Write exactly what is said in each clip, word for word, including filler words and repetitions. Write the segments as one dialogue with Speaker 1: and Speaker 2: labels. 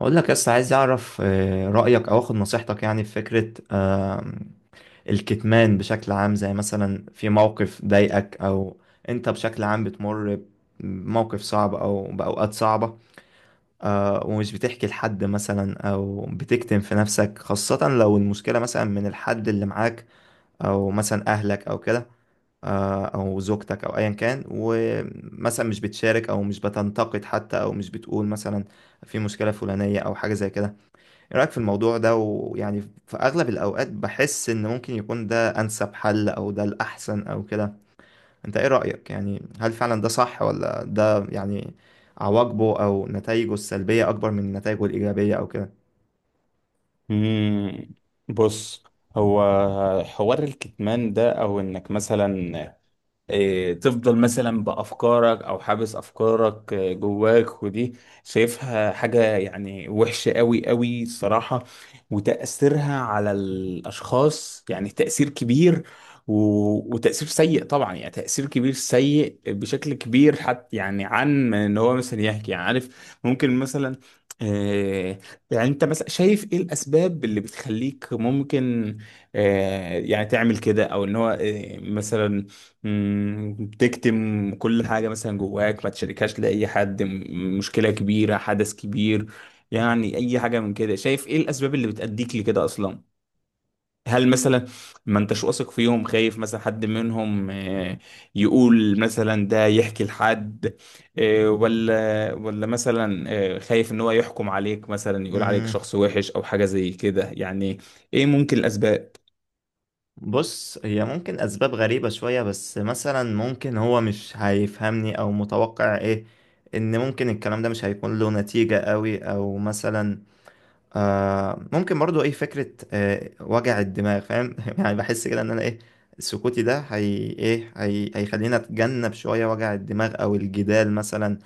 Speaker 1: اقول لك بس عايز اعرف آه، رايك او اخد نصيحتك، يعني في فكره آه، الكتمان بشكل عام، زي مثلا في موقف ضايقك، او انت بشكل عام بتمر بموقف صعب او باوقات صعبه، آه، ومش بتحكي لحد مثلا او بتكتم في نفسك، خاصه لو المشكله مثلا من الحد اللي معاك، او مثلا اهلك او كده، آه، او زوجتك او ايا كان، ومثلا مش بتشارك او مش بتنتقد حتى او مش بتقول مثلا في مشكله فلانيه او حاجه زي كده. ايه رأيك في الموضوع ده؟ ويعني في اغلب الاوقات بحس ان ممكن يكون ده انسب حل او ده الاحسن او كده. انت ايه رأيك؟ يعني هل فعلا ده صح، ولا ده يعني عواقبه او نتائجه السلبية اكبر من نتائجه الايجابية او كده؟
Speaker 2: مم. بص، هو حوار الكتمان ده او انك مثلا إيه، تفضل مثلا بأفكارك أو حابس أفكارك آه، جواك. ودي شايفها حاجة يعني وحشة قوي قوي الصراحة، وتأثيرها على الأشخاص يعني تأثير كبير، و- وتأثير سيء طبعا، يعني تأثير كبير سيء بشكل كبير حتى. يعني عن إن هو مثلا يحكي، يعني عارف ممكن مثلا آه، يعني انت مثلا شايف ايه الاسباب اللي بتخليك ممكن آه، يعني تعمل كده، او ان هو آه، مثلا مم، بتكتم كل حاجة مثلا جواك، ما تشاركهاش لأي حد. م- مشكلة كبيرة، حدث كبير، يعني أي حاجة من كده. شايف إيه الأسباب اللي بتأديك لكده أصلا؟ هل مثلا ما انتش واثق فيهم، خايف مثلا حد منهم آه، يقول مثلا، ده يحكي لحد آه، ولا ولا مثلا آه، خايف ان هو يحكم عليك مثلا، يقول عليك
Speaker 1: مم،
Speaker 2: شخص وحش او حاجة زي كده؟ يعني ايه ممكن الاسباب؟
Speaker 1: بص، هي ممكن اسباب غريبة شوية، بس مثلا ممكن هو مش هيفهمني، او متوقع ايه ان ممكن الكلام ده مش هيكون له نتيجة قوي، او مثلا آه ممكن برضو ايه فكرة آه وجع الدماغ، فاهم؟ يعني بحس كده ان انا ايه سكوتي ده، هي ايه هي هيخليني اتجنب شوية وجع الدماغ او الجدال مثلا،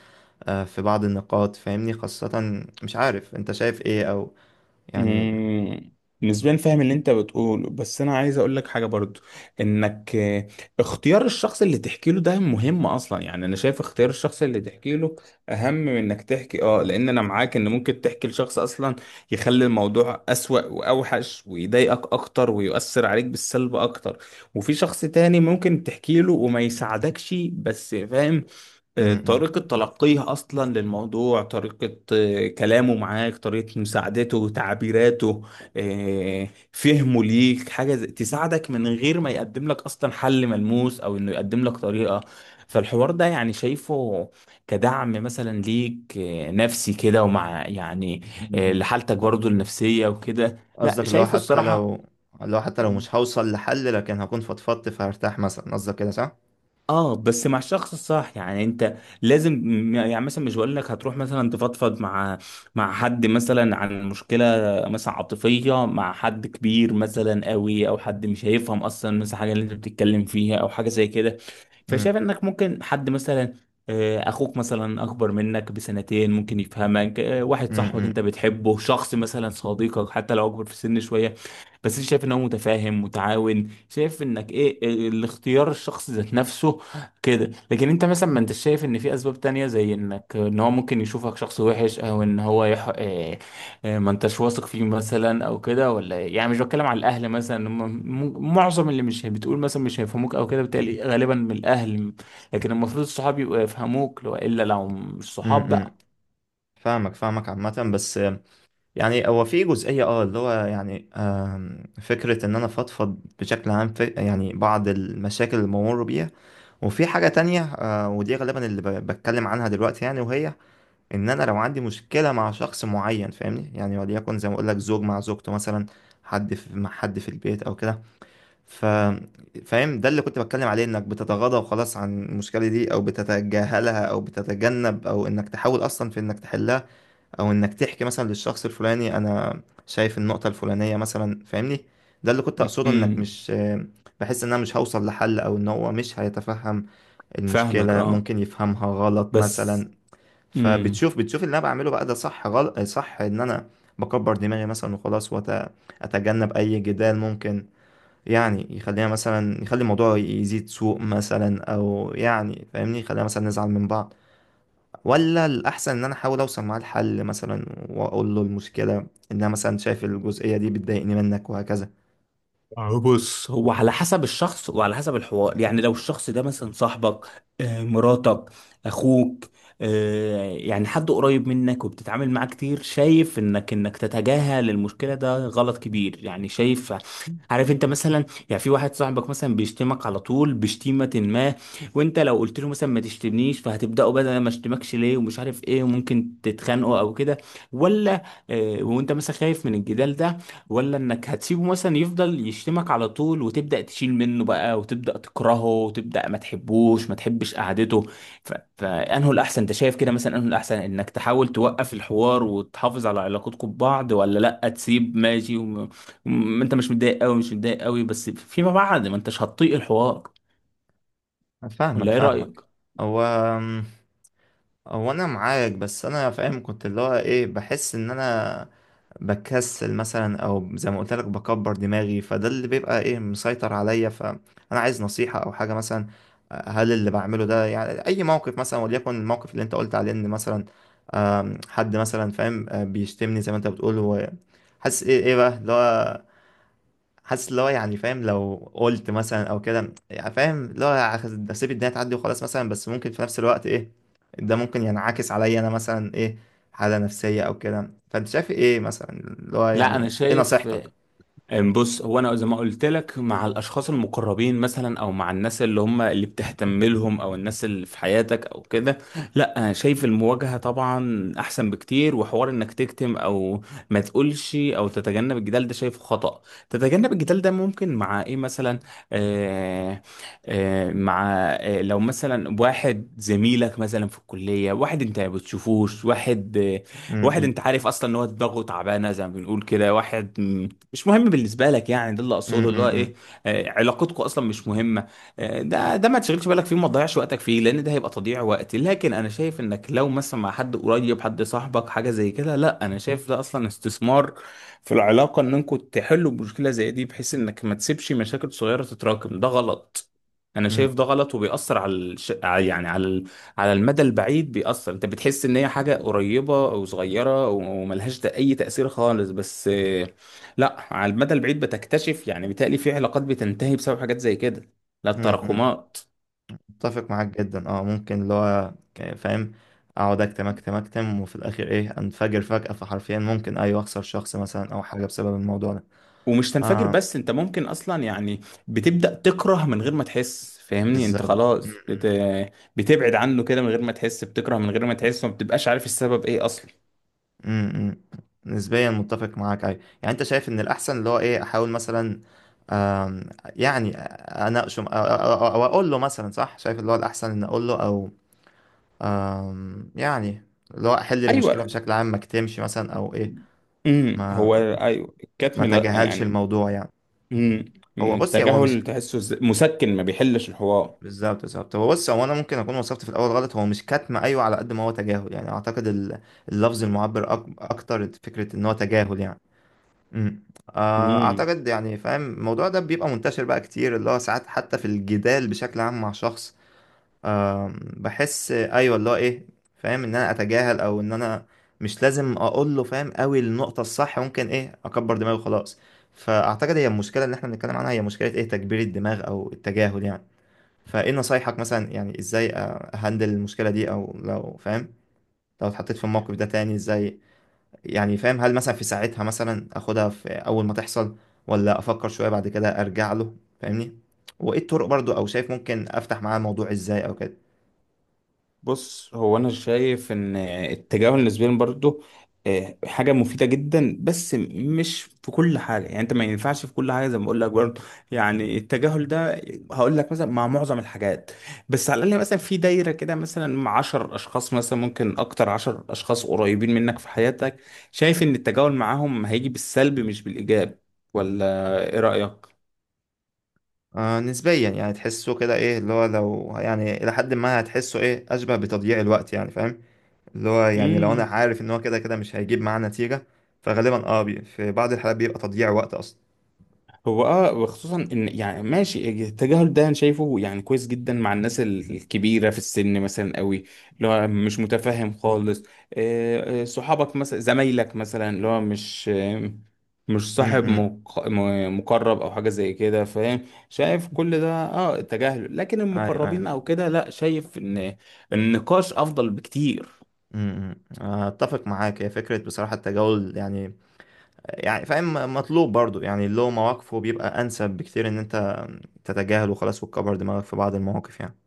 Speaker 1: آه في بعض النقاط، فاهمني؟ خاصة مش عارف انت شايف ايه، او يعني م-
Speaker 2: مم، نسبيا فاهم اللي انت بتقوله، بس انا عايز اقول لك حاجه برضو. انك آه، اختيار الشخص اللي تحكي له ده مهم اصلا. يعني انا شايف اختيار الشخص اللي تحكي له اهم من انك تحكي، اه. لان انا معاك ان ممكن تحكي لشخص اصلا يخلي الموضوع اسوأ واوحش، ويضايقك اكتر، ويؤثر عليك بالسلب اكتر. وفي شخص تاني ممكن تحكي له وما يساعدكش، بس فاهم آه،
Speaker 1: م-
Speaker 2: طريقة تلقيه أصلا للموضوع، طريقة آه، كلامه معاك، طريقة مساعدته، تعبيراته، آه، فهمه ليك، حاجة زي- تساعدك من غير ما يقدم لك أصلا حل ملموس، أو إنه يقدم لك طريقة. فالحوار ده يعني شايفه كدعم مثلا ليك آه، نفسي كده، ومع يعني
Speaker 1: م-
Speaker 2: آه،
Speaker 1: م.
Speaker 2: لحالتك برضو النفسية وكده، لا
Speaker 1: قصدك اللي هو
Speaker 2: شايفه
Speaker 1: حتى
Speaker 2: الصراحة.
Speaker 1: لو اللي هو حتى لو مش هوصل لحل، لكن هكون فضفضت فهرتاح مثلا، قصدك كده صح؟
Speaker 2: اه، بس مع الشخص الصح. يعني انت لازم م- يعني مثلا مش بقول لك هتروح مثلا تفضفض مع مع حد مثلا عن مشكله مثلا عاطفيه مع حد كبير مثلا قوي، او حد مش هيفهم اصلا مثلا حاجه اللي انت بتتكلم فيها، او حاجه زي كده.
Speaker 1: م-
Speaker 2: فشايف انك ممكن حد مثلا آه، اخوك مثلا اكبر منك بسنتين ممكن يفهمك، آه،
Speaker 1: م-
Speaker 2: واحد صاحبك انت
Speaker 1: م-
Speaker 2: بتحبه، شخص مثلا صديقك حتى لو اكبر في السن شويه، بس انت شايف ان هو متفاهم متعاون. شايف انك ايه آه، الاختيار الشخص ذات نفسه كده. لكن انت مثلا ما انت شايف ان في اسباب تانية، زي انك ان هو ممكن يشوفك شخص وحش، او ان هو يح... اه، اه، ما انتش واثق فيه مثلا او كده، ولا ايه؟ يعني مش بتكلم على الاهل، مثلا هم م- معظم اللي مش بتقول مثلا مش هيفهموك او كده، بالتالي غالبا من الاهل. لكن المفروض الصحاب يبقوا يفهموك، لو الا لو مش صحاب
Speaker 1: م- م.
Speaker 2: بقى.
Speaker 1: فاهمك فاهمك، عامة بس يعني هو في جزئية اه اللي هو يعني آم، فكرة ان انا فضفض بشكل عام في يعني بعض المشاكل اللي بمر بيها. وفي حاجة تانية آه، ودي غالبا اللي ب- بتكلم عنها دلوقتي يعني، وهي ان انا لو عندي مشكلة مع شخص معين، فاهمني؟ يعني وليكن زي ما اقول لك، زوج مع زوجته مثلا، حد في مع حد في البيت او كده. ف فاهم ده اللي كنت بتكلم عليه، انك بتتغاضى وخلاص عن المشكلة دي، او بتتجاهلها، او بتتجنب، او انك تحاول اصلا في انك تحلها، او انك تحكي مثلا للشخص الفلاني، انا شايف النقطة الفلانية مثلا، فاهمني. ده اللي كنت اقصده، انك
Speaker 2: امم،
Speaker 1: مش بحس ان انا مش هوصل لحل او ان هو مش هيتفهم
Speaker 2: فاهمك،
Speaker 1: المشكلة،
Speaker 2: اه.
Speaker 1: ممكن يفهمها غلط
Speaker 2: بس
Speaker 1: مثلا. فبتشوف بتشوف اللي انا بعمله بقى ده صح غلط؟ صح ان انا بكبر دماغي مثلا وخلاص واتجنب اي جدال ممكن يعني يخلينا مثلا، يخلي الموضوع يزيد سوء مثلا، او يعني فاهمني يخلينا مثلا نزعل من بعض، ولا الأحسن إن أنا أحاول أوصل معاه لحل مثلا وأقول له المشكلة إن أنا مثلا شايف الجزئية دي بتضايقني منك وهكذا؟
Speaker 2: آه، بص، هو على حسب الشخص وعلى حسب الحوار. يعني لو الشخص ده مثلا صاحبك، آه، مراتك، اخوك، آه، يعني حد قريب منك وبتتعامل معاه كتير، شايف انك انك تتجاهل المشكلة ده غلط كبير. يعني شايف، عارف، انت مثلا يعني في واحد صاحبك مثلا بيشتمك على طول بشتيمة ما، وانت لو قلت له مثلا ما تشتمنيش، فهتبدأوا بدل ما اشتمكش ليه ومش عارف ايه، وممكن تتخانقوا او كده، ولا آه، وانت مثلا خايف من الجدال ده، ولا انك هتسيبه مثلا يفضل يشتمك على طول، وتبدأ تشيل منه بقى، وتبدأ تكرهه، وتبدأ ما تحبوش، ما تحبش قعدته. ف... فانه الاحسن انت شايف كده مثلا، انه الاحسن انك تحاول توقف الحوار وتحافظ على علاقتكم ببعض، ولا لا، تسيب ماشي وم... وم... انت مش متضايق قوي، مش متضايق قوي، بس فيما بعد ما انتش هتطيق الحوار،
Speaker 1: فاهمك
Speaker 2: ولا ايه
Speaker 1: فاهمك.
Speaker 2: رأيك؟
Speaker 1: هو هو أنا معاك، بس أنا فاهم كنت اللي هو إيه، بحس إن أنا بكسل مثلا، او زي ما قلت لك بكبر دماغي، فده اللي بيبقى ايه مسيطر عليا. فانا عايز نصيحة او حاجة مثلا، هل اللي بعمله ده يعني اي موقف مثلا، وليكن الموقف اللي انت قلت عليه، ان مثلا آم، حد مثلا فاهم آه، بيشتمني زي ما انت بتقول، وحاسس ايه ايه بقى اللي هو حاسس اللي هو يعني فاهم، لو قلت مثلا او كده، يعني فاهم اللي هو هاخد- هسيب الدنيا تعدي وخلاص مثلا، بس ممكن في نفس الوقت ايه ده ممكن ينعكس عليا انا مثلا ايه حالة نفسية او كده. فانت شايف ايه مثلا اللي هو
Speaker 2: لا انا
Speaker 1: يعني ايه
Speaker 2: شايف
Speaker 1: نصيحتك؟
Speaker 2: أم بص، هو انا زي ما قلت لك، مع الاشخاص المقربين مثلا، او مع الناس اللي هم اللي بتهتم لهم، او الناس اللي في حياتك او كده، لا أنا شايف المواجهه طبعا احسن بكتير. وحوار انك تكتم او ما تقولش او تتجنب الجدال ده شايفه خطأ. تتجنب الجدال ده ممكن مع ايه مثلا؟ آه آه مع آه لو مثلا واحد زميلك مثلا في الكليه، واحد انت ما بتشوفوش، واحد آه، واحد
Speaker 1: امم،
Speaker 2: انت عارف اصلا ان هو دماغه تعبانه زي ما بنقول كده، واحد مش مهم بالنسبه لك. يعني ده اللي اقصده، اللي هو
Speaker 1: امم،
Speaker 2: ايه آه، علاقتكم اصلا مش مهمه، آه، ده ده ما تشغلش بالك فيه وما تضيعش وقتك فيه، لان ده هيبقى تضييع وقت. لكن انا شايف انك لو مثلا مع حد قريب، حد صاحبك، حاجه زي كده، لا، انا شايف ده اصلا استثمار في العلاقه، ان انكم تحلوا مشكله زي دي، بحيث انك ما تسيبش مشاكل صغيره تتراكم. ده غلط، انا
Speaker 1: امم،
Speaker 2: شايف ده غلط، وبيأثر على الش... على- يعني على ال... على المدى البعيد بيأثر. انت بتحس ان هي حاجة قريبة او صغيرة وملهاش اي تأثير خالص، بس لا، على المدى البعيد بتكتشف، يعني بيتهيألي في علاقات بتنتهي بسبب حاجات زي كده. لا،
Speaker 1: امم.
Speaker 2: التراكمات.
Speaker 1: متفق معاك جدا اه، ممكن اللي هو ك- فاهم اقعد اكتم اكتم اكتم، وفي الاخر ايه انفجر فجأة، فحرفيا ممكن ايوه اخسر شخص مثلا او حاجة بسبب الموضوع ده.
Speaker 2: ومش تنفجر
Speaker 1: اه،
Speaker 2: بس، انت ممكن اصلا يعني بتبدأ تكره من غير ما تحس. فاهمني، انت
Speaker 1: بالظبط.
Speaker 2: خلاص بت... بتبعد عنه كده من غير ما تحس، بتكره من غير ما تحس، وما بتبقاش عارف السبب ايه اصلا.
Speaker 1: امم، امم. نسبيا متفق معاك ايوه، يعني انت شايف ان الاحسن اللي هو ايه احاول مثلا آم، يعني اناقشه او أو- أو اقول له مثلا، صح؟ شايف اللي هو الاحسن ان اقول له، او آم، يعني اللي هو احل المشكله
Speaker 2: ايوه،
Speaker 1: بشكل عام، ما اكتمش مثلا او ايه،
Speaker 2: امم، هو
Speaker 1: ما
Speaker 2: ايوه،
Speaker 1: ما
Speaker 2: الكتم لا
Speaker 1: تجاهلش
Speaker 2: يعني.
Speaker 1: الموضوع يعني.
Speaker 2: امم،
Speaker 1: هو بص هو مش
Speaker 2: التجاهل تحسه ز- مسكن، ما بيحلش الحوار.
Speaker 1: بالظبط بالظبط، هو بص هو انا ممكن اكون وصفت في الاول غلط، هو مش كتم، ايوه، على قد ما هو تجاهل يعني. اعتقد ال- اللفظ المعبر أك- اكتر فكره ان هو تجاهل يعني. امم. آه،
Speaker 2: امم،
Speaker 1: اعتقد يعني فاهم، الموضوع ده بيبقى منتشر بقى كتير، اللي هو ساعات حتى في الجدال بشكل عام مع شخص آم، بحس ايوه اللي هو ايه فاهم ان انا اتجاهل، او ان انا مش لازم اقول له، فاهم قوي النقطة، الصح ممكن ايه اكبر دماغي وخلاص. فاعتقد هي المشكلة اللي احنا بنتكلم عنها، هي مشكلة ايه، تكبير الدماغ او التجاهل يعني. فايه نصايحك مثلا؟ يعني ازاي اهندل المشكلة دي، او لو فاهم لو اتحطيت في الموقف ده تاني ازاي يعني، فاهم هل مثلا في ساعتها مثلا اخدها في اول ما تحصل، ولا افكر شوية بعد كده ارجع له فاهمني، وايه الطرق برضو او شايف ممكن افتح معاه الموضوع ازاي او كده؟
Speaker 2: بص، هو انا شايف ان التجاهل نسبيا برضه آه، حاجه مفيده جدا، بس مش في كل حاجه. يعني انت ما ينفعش في كل حاجه، زي ما بقول لك برضه، يعني التجاهل ده هقول لك مثلا مع معظم الحاجات، بس على الاقل مثلا في دايره كده مثلا مع عشرة اشخاص مثلا، ممكن اكتر، عشرة اشخاص قريبين منك في حياتك، شايف ان التجاهل معاهم هيجي بالسلب مش بالايجاب. ولا ايه رايك؟
Speaker 1: آه، نسبيا يعني تحسه كده ايه اللي هو، لو يعني الى حد ما هتحسه ايه اشبه بتضييع الوقت يعني، فاهم اللي هو يعني لو انا عارف ان هو كده كده مش هيجيب معاه نتيجة، فغالبا اه بي في بعض الحالات بيبقى تضييع وقت اصلا.
Speaker 2: هو اه، وخصوصا ان يعني ماشي، التجاهل ده انا شايفه يعني كويس جدا مع الناس ال- الكبيره في السن مثلا قوي، اللي هو مش متفاهم خالص، آه، آه، صحابك مثلا، زمايلك مثلا، اللي هو مش آه، مش صاحب
Speaker 1: امم.
Speaker 2: مق- م- مقرب او حاجه زي كده. فاهم، شايف كل ده اه التجاهل. لكن
Speaker 1: ايوه ايوه.
Speaker 2: المقربين او كده، لا شايف ان النقاش افضل بكتير.
Speaker 1: امم، اتفق معاك، هي فكرة بصراحة التجاهل يعني، يعني فاهم مطلوب برضو يعني اللي هو مواقفه بيبقى انسب بكتير ان انت تتجاهله خلاص وتكبر دماغك في بعض المواقف يعني.